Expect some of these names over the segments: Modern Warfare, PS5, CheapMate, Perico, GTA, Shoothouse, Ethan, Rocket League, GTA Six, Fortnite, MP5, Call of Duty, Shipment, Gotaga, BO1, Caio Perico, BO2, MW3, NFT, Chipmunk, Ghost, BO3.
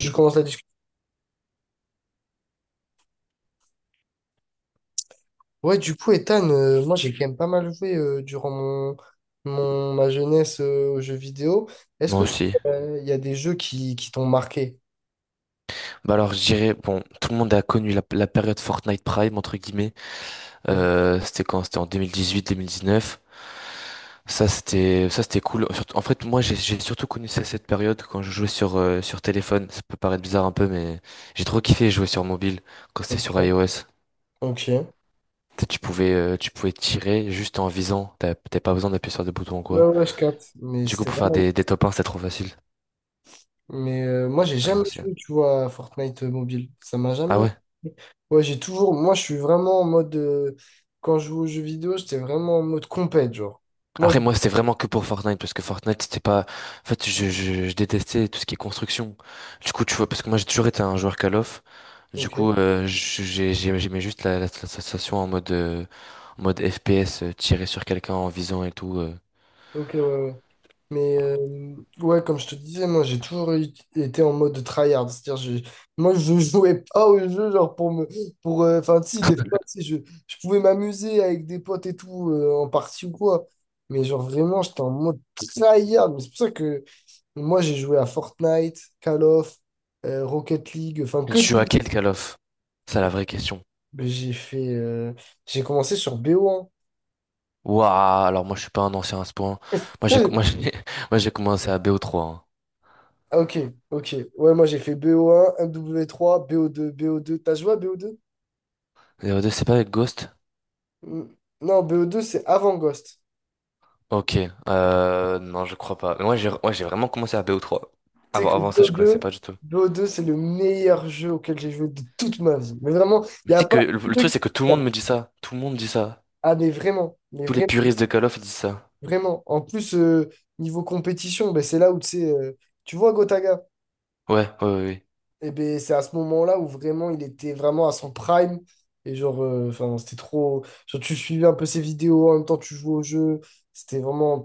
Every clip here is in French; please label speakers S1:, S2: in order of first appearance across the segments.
S1: Je commence la discussion. Ouais, du coup, Ethan, moi j'ai quand même pas mal joué durant ma jeunesse aux jeux vidéo. Est-ce
S2: Moi
S1: que
S2: aussi.
S1: il y a des jeux qui t'ont marqué?
S2: Bah alors, je dirais, bon, tout le monde a connu la période Fortnite Prime, entre guillemets.
S1: Mhm.
S2: C'était quand? C'était en 2018-2019. Ça, c'était cool. En fait, moi, j'ai surtout connu cette période quand je jouais sur téléphone. Ça peut paraître bizarre un peu, mais j'ai trop kiffé jouer sur mobile quand c'était sur iOS.
S1: Ok.
S2: Tu pouvais tirer juste en visant. T'avais pas besoin d'appuyer sur des boutons ou
S1: Ouais,
S2: quoi.
S1: ouais, je capte. Mais
S2: Du coup,
S1: c'était
S2: pour faire
S1: vraiment.
S2: des top 1, c'était trop facile
S1: Mais moi j'ai
S2: à
S1: jamais
S2: l'ancienne.
S1: joué, tu vois, à Fortnite mobile. Ça m'a
S2: Ah
S1: jamais.
S2: ouais?
S1: Ouais, j'ai toujours. Moi je suis vraiment en mode. Quand je joue aux jeux vidéo, j'étais vraiment en mode compète, genre. Moi je.
S2: Après, moi, c'était vraiment que pour Fortnite, parce que Fortnite, c'était pas. En fait, je détestais tout ce qui est construction. Du coup, tu vois, parce que moi, j'ai toujours été un joueur Call of. Du coup,
S1: Ok.
S2: j'aimais juste la sensation en mode, en mode FPS, tirer sur quelqu'un en visant et tout.
S1: Ok, ouais, ouais. Mais ouais, comme je te disais, moi j'ai toujours été en mode tryhard. C'est-à-dire, moi je jouais pas au jeu, genre pour me. Pour, enfin, si, des fois, si, je pouvais m'amuser avec des potes et tout, en partie ou quoi. Mais genre vraiment, j'étais en mode tryhard. Mais c'est pour ça que moi j'ai joué à Fortnite, Call of, Rocket League, enfin que.
S2: Tu joues à quel Call of? C'est la vraie question.
S1: Mais j'ai fait. J'ai commencé sur BO1.
S2: Waouh, alors moi, je suis pas un ancien à ce point. Moi, j'ai,
S1: Ouais,
S2: moi, j'ai, Moi, j'ai commencé à BO3. Hein.
S1: ah, ok, ok. Ouais, moi j'ai fait BO1, MW3, BO2, bo deux B O deux. T'as joué à bo deux.
S2: BO2, c'est pas avec Ghost?
S1: Mm. Non, bo deux c'est avant Ghost.
S2: Ok, non, je crois pas. Mais moi, j'ai, ouais, j'ai vraiment commencé à bo trois.
S1: Tu sais
S2: Avant,
S1: que
S2: avant ça, je
S1: BO2,
S2: connaissais
S1: bo deux
S2: pas du tout.
S1: B O deux, c'est le meilleur jeu auquel j'ai joué de toute ma vie. Mais vraiment,
S2: Mais
S1: il n'y
S2: tu
S1: a
S2: sais
S1: pas
S2: que le,
S1: un
S2: le
S1: jeu
S2: truc,
S1: qui
S2: c'est que tout le
S1: s'égalent.
S2: monde me dit ça. Tout le monde dit ça.
S1: Ah, mais
S2: Tous les
S1: vraiment,
S2: puristes de Call of disent ça.
S1: vraiment. En plus, niveau compétition, ben, c'est là où tu sais, tu vois Gotaga.
S2: Ouais, ouais, ouais. Ouais.
S1: Et ben c'est à ce moment-là où vraiment il était vraiment à son prime. Et genre, enfin, c'était trop. Genre, tu suivais un peu ses vidéos, en même temps tu jouais au jeu. C'était vraiment.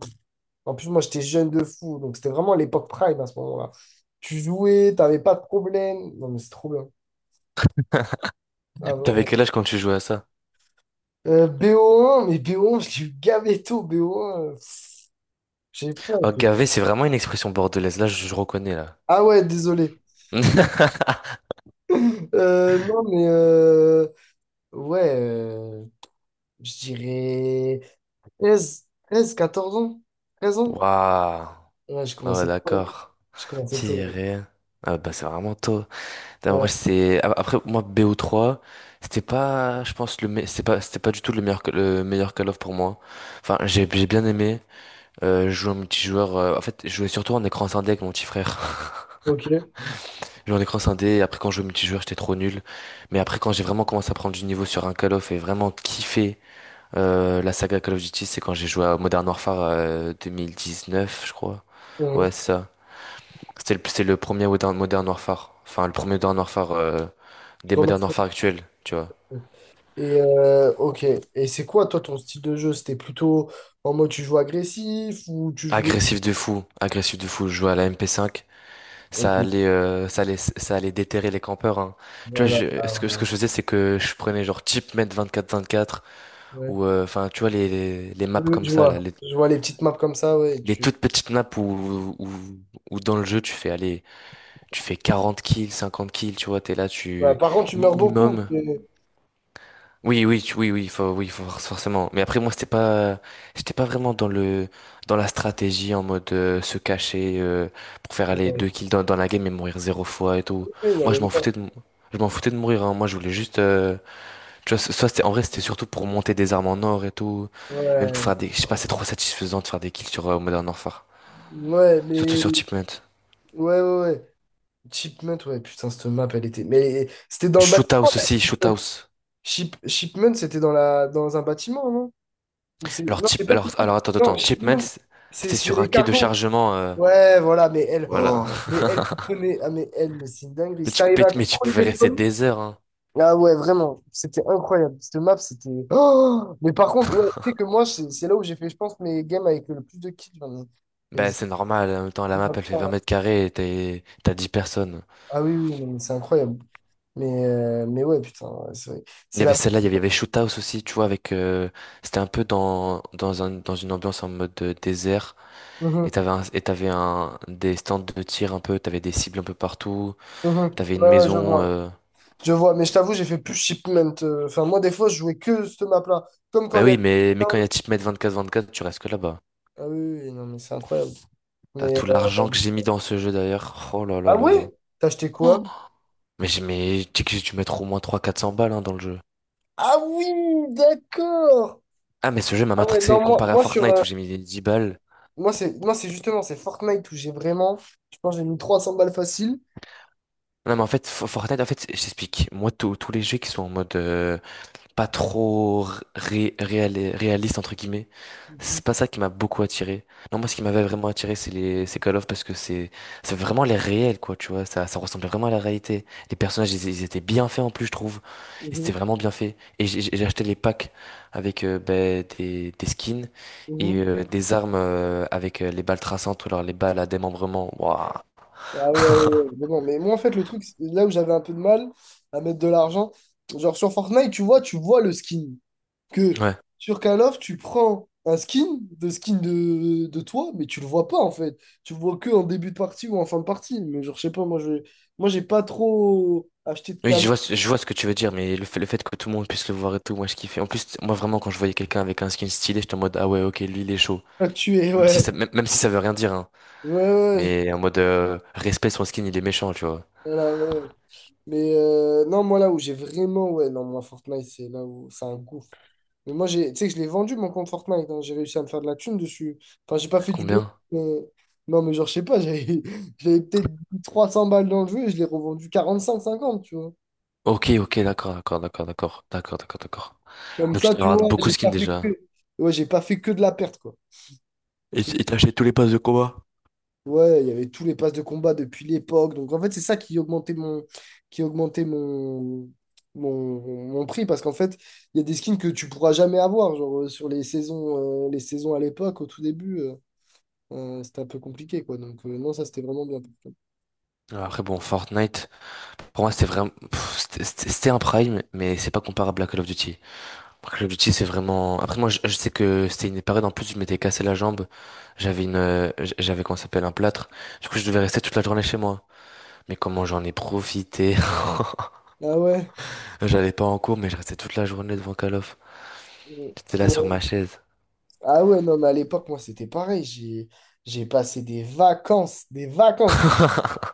S1: En plus, moi j'étais jeune de fou, donc c'était vraiment l'époque prime à ce moment-là. Tu jouais, t'avais pas de problème. Non, mais c'est trop bien. Ah,
S2: T'avais
S1: vraiment.
S2: quel âge quand tu jouais à ça?
S1: BO1, mais BO1, je l'ai eu gavé tôt, BO1. J'ai pas.
S2: Oh, gavé, c'est vraiment une expression bordelaise. Là, je reconnais, là.
S1: Ah ouais, désolé. Non, mais ouais, je dirais. 13-14 ans? 13 ans?
S2: Waouh.
S1: Ouais, j'ai
S2: Ah ouais,
S1: commencé tôt.
S2: d'accord.
S1: J'ai commencé tôt. Ouais.
S2: Tiré. Ah bah, c'est vraiment tôt. Putain,
S1: Ouais,
S2: moi, Après, moi, bo trois. C'était pas, je pense, c'était pas du tout le meilleur Call of pour moi. Enfin, j'ai bien aimé. Je jouais en multijoueur. En fait, je jouais surtout en écran scindé avec mon petit frère.
S1: ok.
S2: Je jouais en écran scindé. Et après, quand je jouais au multijoueur, j'étais trop nul. Mais après, quand j'ai vraiment commencé à prendre du niveau sur un Call of et vraiment kiffé la saga Call of Duty, c'est quand j'ai joué à Modern Warfare 2019, je crois. Ouais,
S1: Mhm.
S2: c'est ça. C'est le premier Modern Warfare. Enfin, le premier Modern Warfare des Modern
S1: Remarquable.
S2: Warfare actuels, tu vois.
S1: Et ok. Et c'est quoi, toi, ton style de jeu? C'était plutôt en mode tu joues agressif ou tu joues.
S2: Agressif de fou, agressif de fou. Je jouais à la MP5.
S1: Ok.
S2: Ça allait déterrer les campeurs. Hein. Tu vois,
S1: Voilà. Ah,
S2: ce que
S1: voilà.
S2: je faisais, c'est que je prenais genre CheapMate 24-24
S1: Ouais.
S2: ou enfin, tu vois, les maps
S1: Oui, oui,
S2: comme
S1: je
S2: ça, là,
S1: vois.
S2: les,
S1: Je vois les petites maps comme ça, ouais.
S2: les
S1: Tu...
S2: toutes petites maps où dans le jeu, tu fais 40 kills, 50 kills, tu vois, t'es là,
S1: Ouais,
S2: tu
S1: par contre, tu meurs beaucoup.
S2: minimum. Oui, oui, oui, oui, faut forcément. Mais après, moi, c'était pas, j'étais pas vraiment dans la stratégie en mode se cacher pour faire aller deux
S1: Ouais.
S2: kills dans la game et mourir zéro fois et tout.
S1: Oui, non,
S2: Moi,
S1: mais meurs.
S2: je m'en foutais de mourir. Hein. Moi, je voulais juste, tu vois, soit c'était, en vrai, c'était surtout pour monter des armes en or et tout, même pour
S1: Ouais.
S2: faire des, je sais pas, c'est trop satisfaisant de faire des kills sur Modern Warfare,
S1: Ouais,
S2: surtout
S1: mais.
S2: sur Chipmunk.
S1: Ouais, ouais, ouais. Chipmunk, ouais, putain, cette map, elle était. Mais c'était dans le bâtiment.
S2: Shoothouse aussi, Shoothouse.
S1: Shipment, c'était dans un bâtiment, non? Ou c'est
S2: Alors,
S1: non, c'est pas Shipment.
S2: Attends,
S1: Non,
S2: attends, Chipmunk,
S1: Shipment,
S2: c'était
S1: c'est
S2: sur un
S1: les
S2: quai de
S1: cargos.
S2: chargement,
S1: Ouais, voilà, mais elle,
S2: voilà.
S1: oh, mais elle, tu prenais, ah mais elle, mais c'est une dinguerie.
S2: Mais
S1: Si
S2: tu,
S1: t'arrivais
S2: mais
S1: à
S2: tu mais tu
S1: contrôler
S2: pouvais
S1: les
S2: rester
S1: zones,
S2: des heures, hein.
S1: ah ouais, vraiment, c'était incroyable. Cette map, c'était. Oh mais par contre, ouais, tu sais que moi, c'est là où j'ai fait, je pense, mes games avec le plus de kills. Vraiment. Et
S2: Bah,
S1: c'est-
S2: c'est normal. En même temps, la map, elle fait 20 mètres carrés et t'as 10 personnes.
S1: Ah oui, oui, non, mais c'est incroyable. Mais ouais, putain, ouais, c'est vrai.
S2: Il y
S1: C'est
S2: avait
S1: la.
S2: celle-là, il y avait Shoot House aussi, tu vois, avec, c'était un peu dans une ambiance en mode désert. Et
S1: Mhm,
S2: t'avais un, et t'avais un, des stands de tir un peu, t'avais des cibles un peu partout,
S1: mhm.
S2: t'avais une
S1: Ouais, ouais, je
S2: maison,
S1: vois.
S2: euh...
S1: Je vois, mais je t'avoue, j'ai fait plus shipment. Enfin, moi, des fois, je jouais que ce map-là. Comme quand
S2: Bah
S1: il y
S2: oui,
S1: avait.
S2: mais,
S1: Ah
S2: mais quand il y a type mètre 24-24, tu restes que là-bas.
S1: oui, oui, non, mais c'est incroyable.
S2: T'as
S1: Mais.
S2: tout l'argent que j'ai mis dans ce jeu d'ailleurs. Oh là là
S1: Ah
S2: là là.
S1: ouais? T'as acheté quoi?
S2: Oh. Tu sais que j'ai dû mettre au moins trois quatre cents balles, hein, dans le jeu.
S1: Ah oui, d'accord!
S2: Ah, mais ce jeu m'a
S1: Ah ouais, non,
S2: matrixé
S1: moi,
S2: comparé à
S1: moi sur.
S2: Fortnite où j'ai mis 10 balles.
S1: Moi, c'est justement, c'est Fortnite où j'ai vraiment. Je pense que j'ai mis 300 balles faciles.
S2: Non, mais en fait, Fortnite, en fait, je t'explique. Moi, tous les jeux qui sont en mode pas trop réaliste entre guillemets.
S1: Mhm,
S2: C'est pas ça qui m'a beaucoup attiré. Non, moi ce qui m'avait vraiment attiré c'est les c'est Call of parce que c'est vraiment les réels quoi, tu vois, ça ressemblait vraiment à la réalité. Les personnages ils étaient bien faits en plus, je trouve. Ils étaient
S1: mhm,
S2: vraiment bien faits et j'ai acheté les packs avec ben, des skins et
S1: mhm.
S2: des armes avec les balles traçantes ou alors les balles à démembrement. Waouh.
S1: Ah ouais, ouais, ouais. Mais bon, mais moi, en fait, le truc, là où j'avais un peu de mal à mettre de l'argent, genre sur Fortnite, tu vois le skin. Que
S2: Ouais.
S1: sur Call of, tu prends un skin de toi, mais tu le vois pas en fait. Tu le vois que en début de partie ou en fin de partie. Mais genre, je sais pas, moi, je, moi, j'ai pas trop acheté de
S2: Oui, je
S1: cam
S2: vois, je vois ce que tu veux dire, mais le fait que tout le monde puisse le voir et tout, moi je kiffais. En plus, moi vraiment, quand je voyais quelqu'un avec un skin stylé, j'étais en mode, ah ouais, ok, lui il est chaud.
S1: à tuer,
S2: Même si
S1: ouais.
S2: ça, même, même si ça veut rien dire, hein.
S1: Ouais, ouais, ouais,
S2: Mais en mode, respect son skin, il est méchant, tu vois.
S1: voilà, ouais. Ouais. Mais non, moi, là où j'ai vraiment, ouais, non, moi, Fortnite, c'est là où c'est un gouffre. Mais moi, tu sais que je l'ai vendu, mon compte Fortnite. Hein. J'ai réussi à me faire de la thune dessus. Enfin, j'ai pas fait du B.
S2: Combien?
S1: mais- Non, mais genre, je sais pas, j'avais j'avais peut-être mis 300 balles dans le jeu et je l'ai revendu 45-50 tu vois.
S2: Ok, ok, d'accord, d'accord, d'accord, d'accord, d'accord, d'accord, d'accord.
S1: Comme
S2: Donc tu
S1: ça, tu
S2: dois avoir
S1: vois,
S2: beaucoup de
S1: j'ai
S2: skins
S1: pas fait que,
S2: déjà.
S1: ouais, j'ai pas fait que de la perte, quoi. Un
S2: Et
S1: truc-
S2: et t'as acheté tous les passes de combat?
S1: Ouais, il y avait tous les passes de combat depuis l'époque. Donc, en fait, c'est ça qui augmentait qui augmentait mon, mon, mon prix. Parce qu'en fait, il y a des skins que tu pourras jamais avoir. Genre, sur les saisons à l'époque, au tout début, c'était un peu compliqué, quoi. Donc, non, ça, c'était vraiment bien.
S2: Alors, après, bon, Fortnite, pour moi, c'était vraiment, pff, c'était un prime, mais c'est pas comparable à Call of Duty. Après, l'objectif, c'est vraiment. Après, moi, je sais que c'était une période en plus, je m'étais cassé la jambe. J'avais j'avais comment ça s'appelle un plâtre. Du coup, je devais rester toute la journée chez moi. Mais comment j'en ai profité.
S1: Ah ouais.
S2: J'allais pas en cours, mais je restais toute la journée devant Call of.
S1: euh,
S2: J'étais là sur
S1: ouais.
S2: ma chaise.
S1: Ah ouais, non, mais à l'époque, moi, c'était pareil. J'ai passé des vacances, des vacances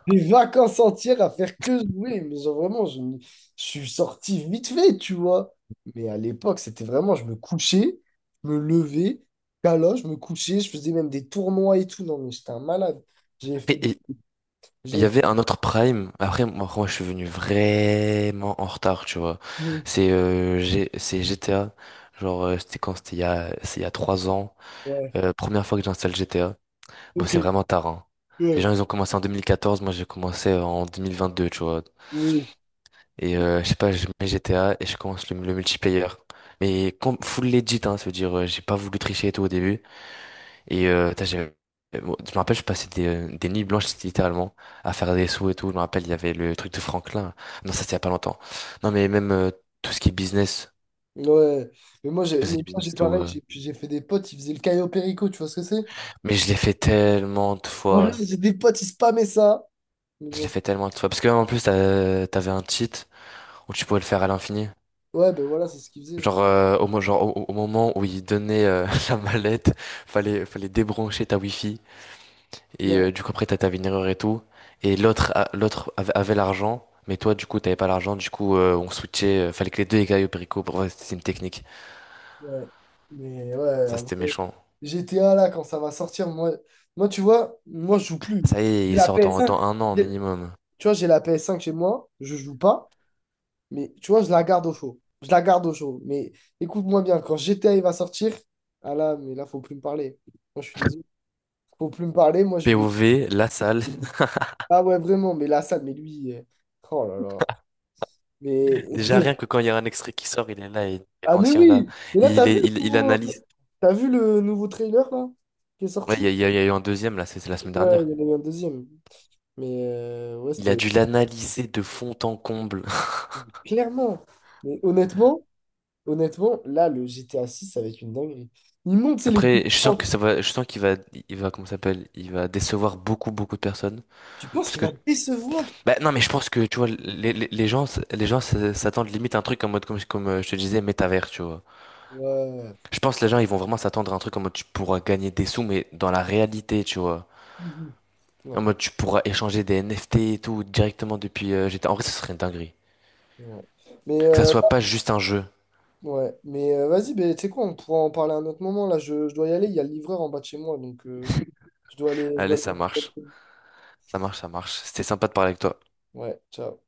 S1: Des vacances entières à faire que jouer. Mais genre, vraiment, je suis sorti vite fait, tu vois. Mais à l'époque, c'était vraiment, je me couchais, je me levais, là, je me couchais, je faisais même des tournois et tout. Non, mais j'étais un malade. J'ai fait
S2: Et
S1: des...
S2: et il y
S1: J'ai fait...
S2: avait un autre Prime. Après, moi, je suis venu vraiment en retard, tu vois.
S1: Mm.
S2: C'est GTA. Genre, c'était quand? C'était il y a 3 ans.
S1: Ouais.
S2: Première fois que j'installe GTA. Bon,
S1: Ok.
S2: c'est vraiment tard, hein. Les
S1: Ouais.
S2: gens, ils ont commencé en 2014. Moi, j'ai commencé en 2022, tu vois.
S1: Oui.
S2: Et je sais pas, je mets GTA et je commence le multiplayer. Mais full legit, hein, ça veut dire j'ai pas voulu tricher et tout au début. Et putain, bon, je me rappelle, je passais des nuits blanches littéralement à faire des sous et tout. Je me rappelle, il y avait le truc de Franklin. Non, ça c'est il y a pas longtemps. Non, mais même tout ce qui est business,
S1: Ouais. Mais moi,
S2: je faisais du business
S1: j'ai
S2: et tout.
S1: pareil,
S2: euh.
S1: j'ai fait des potes, ils faisaient le Caio Perico, tu vois ce que c'est?
S2: Mais je l'ai fait tellement de
S1: Voilà,
S2: fois.
S1: j'ai des potes, ils spammaient ça. Mais
S2: Je l'ai
S1: genre,
S2: fait tellement de fois. Parce que en plus, t'avais un cheat où tu pouvais le faire à l'infini.
S1: ouais, ben voilà, c'est ce qu'ils faisaient.
S2: Genre, au, mo- genre au, au moment où ils donnaient la mallette, fallait débrancher ta Wi-Fi. Et
S1: Ouais,
S2: du coup, après, t'as ta erreur et tout. Et l'autre avait l'argent. Mais toi, du coup, t'avais pas l'argent. Du coup, on switchait. Fallait que les deux écailles au Perico. Pour vrai, c'était une technique.
S1: ouais. Mais ouais.
S2: Ça, c'était méchant.
S1: GTA, là, quand ça va sortir, moi, tu vois, moi, je joue plus.
S2: Ça y est,
S1: J'ai
S2: il
S1: la
S2: sort dans,
S1: PS5.
S2: dans un an
S1: J'ai-
S2: minimum.
S1: Tu vois, j'ai la PS5 chez moi, je joue pas, mais tu vois, je la garde au chaud. Je la garde au chaud. Mais écoute-moi bien, quand GTA il va sortir, ah là, mais là, faut plus me parler. Moi, je suis désolé. Faut plus me parler, moi, je vais.
S2: POV, la salle.
S1: Ah ouais, vraiment, mais là, ça, mais lui. Oh là là. Mais.
S2: Déjà, rien que quand il y a un extrait qui sort, il est là. Et
S1: Ah, mais
S2: l'ancien, là,
S1: oui! Mais là,
S2: il, est, il, il analyse.
S1: t'as vu le nouveau trailer, là, qui est
S2: Ouais, il y
S1: sorti?
S2: a, il y a il y a eu un deuxième, là, c'est la semaine
S1: Ouais, il
S2: dernière.
S1: y en a eu un deuxième. Mais ouais,
S2: Il a
S1: c'était.
S2: dû l'analyser de fond en comble.
S1: Clairement. Mais honnêtement, honnêtement, là, le GTA 6 ça va être une dinguerie. Il monte, c'est les
S2: Après, je sens
S1: différences.
S2: que ça va, je sens qu'il va, comment ça s'appelle, il va décevoir beaucoup, beaucoup de personnes,
S1: Tu penses
S2: parce
S1: qu'il
S2: que,
S1: va décevoir?
S2: bah non, mais je pense que, tu vois, les gens s'attendent limite à un truc en mode, comme, je te disais, métavers, tu vois.
S1: Ouais.
S2: Je pense que les gens, ils vont vraiment s'attendre à un truc en mode, tu pourras gagner des sous, mais dans la réalité, tu vois.
S1: Mhm.
S2: En
S1: Ouais.
S2: mode, tu pourras échanger des NFT et tout directement depuis GTA. En vrai, ce serait une dinguerie.
S1: Ouais. Mais,
S2: Que ça soit pas juste un jeu.
S1: ouais. Mais vas-y, ben, tu sais quoi, on pourra en parler à un autre moment. Là, je dois y aller. Il y a le livreur en bas de chez moi, donc je dois
S2: Allez, ça
S1: aller.
S2: marche, ça marche, ça marche. C'était sympa de parler avec toi.
S1: Ouais, ciao.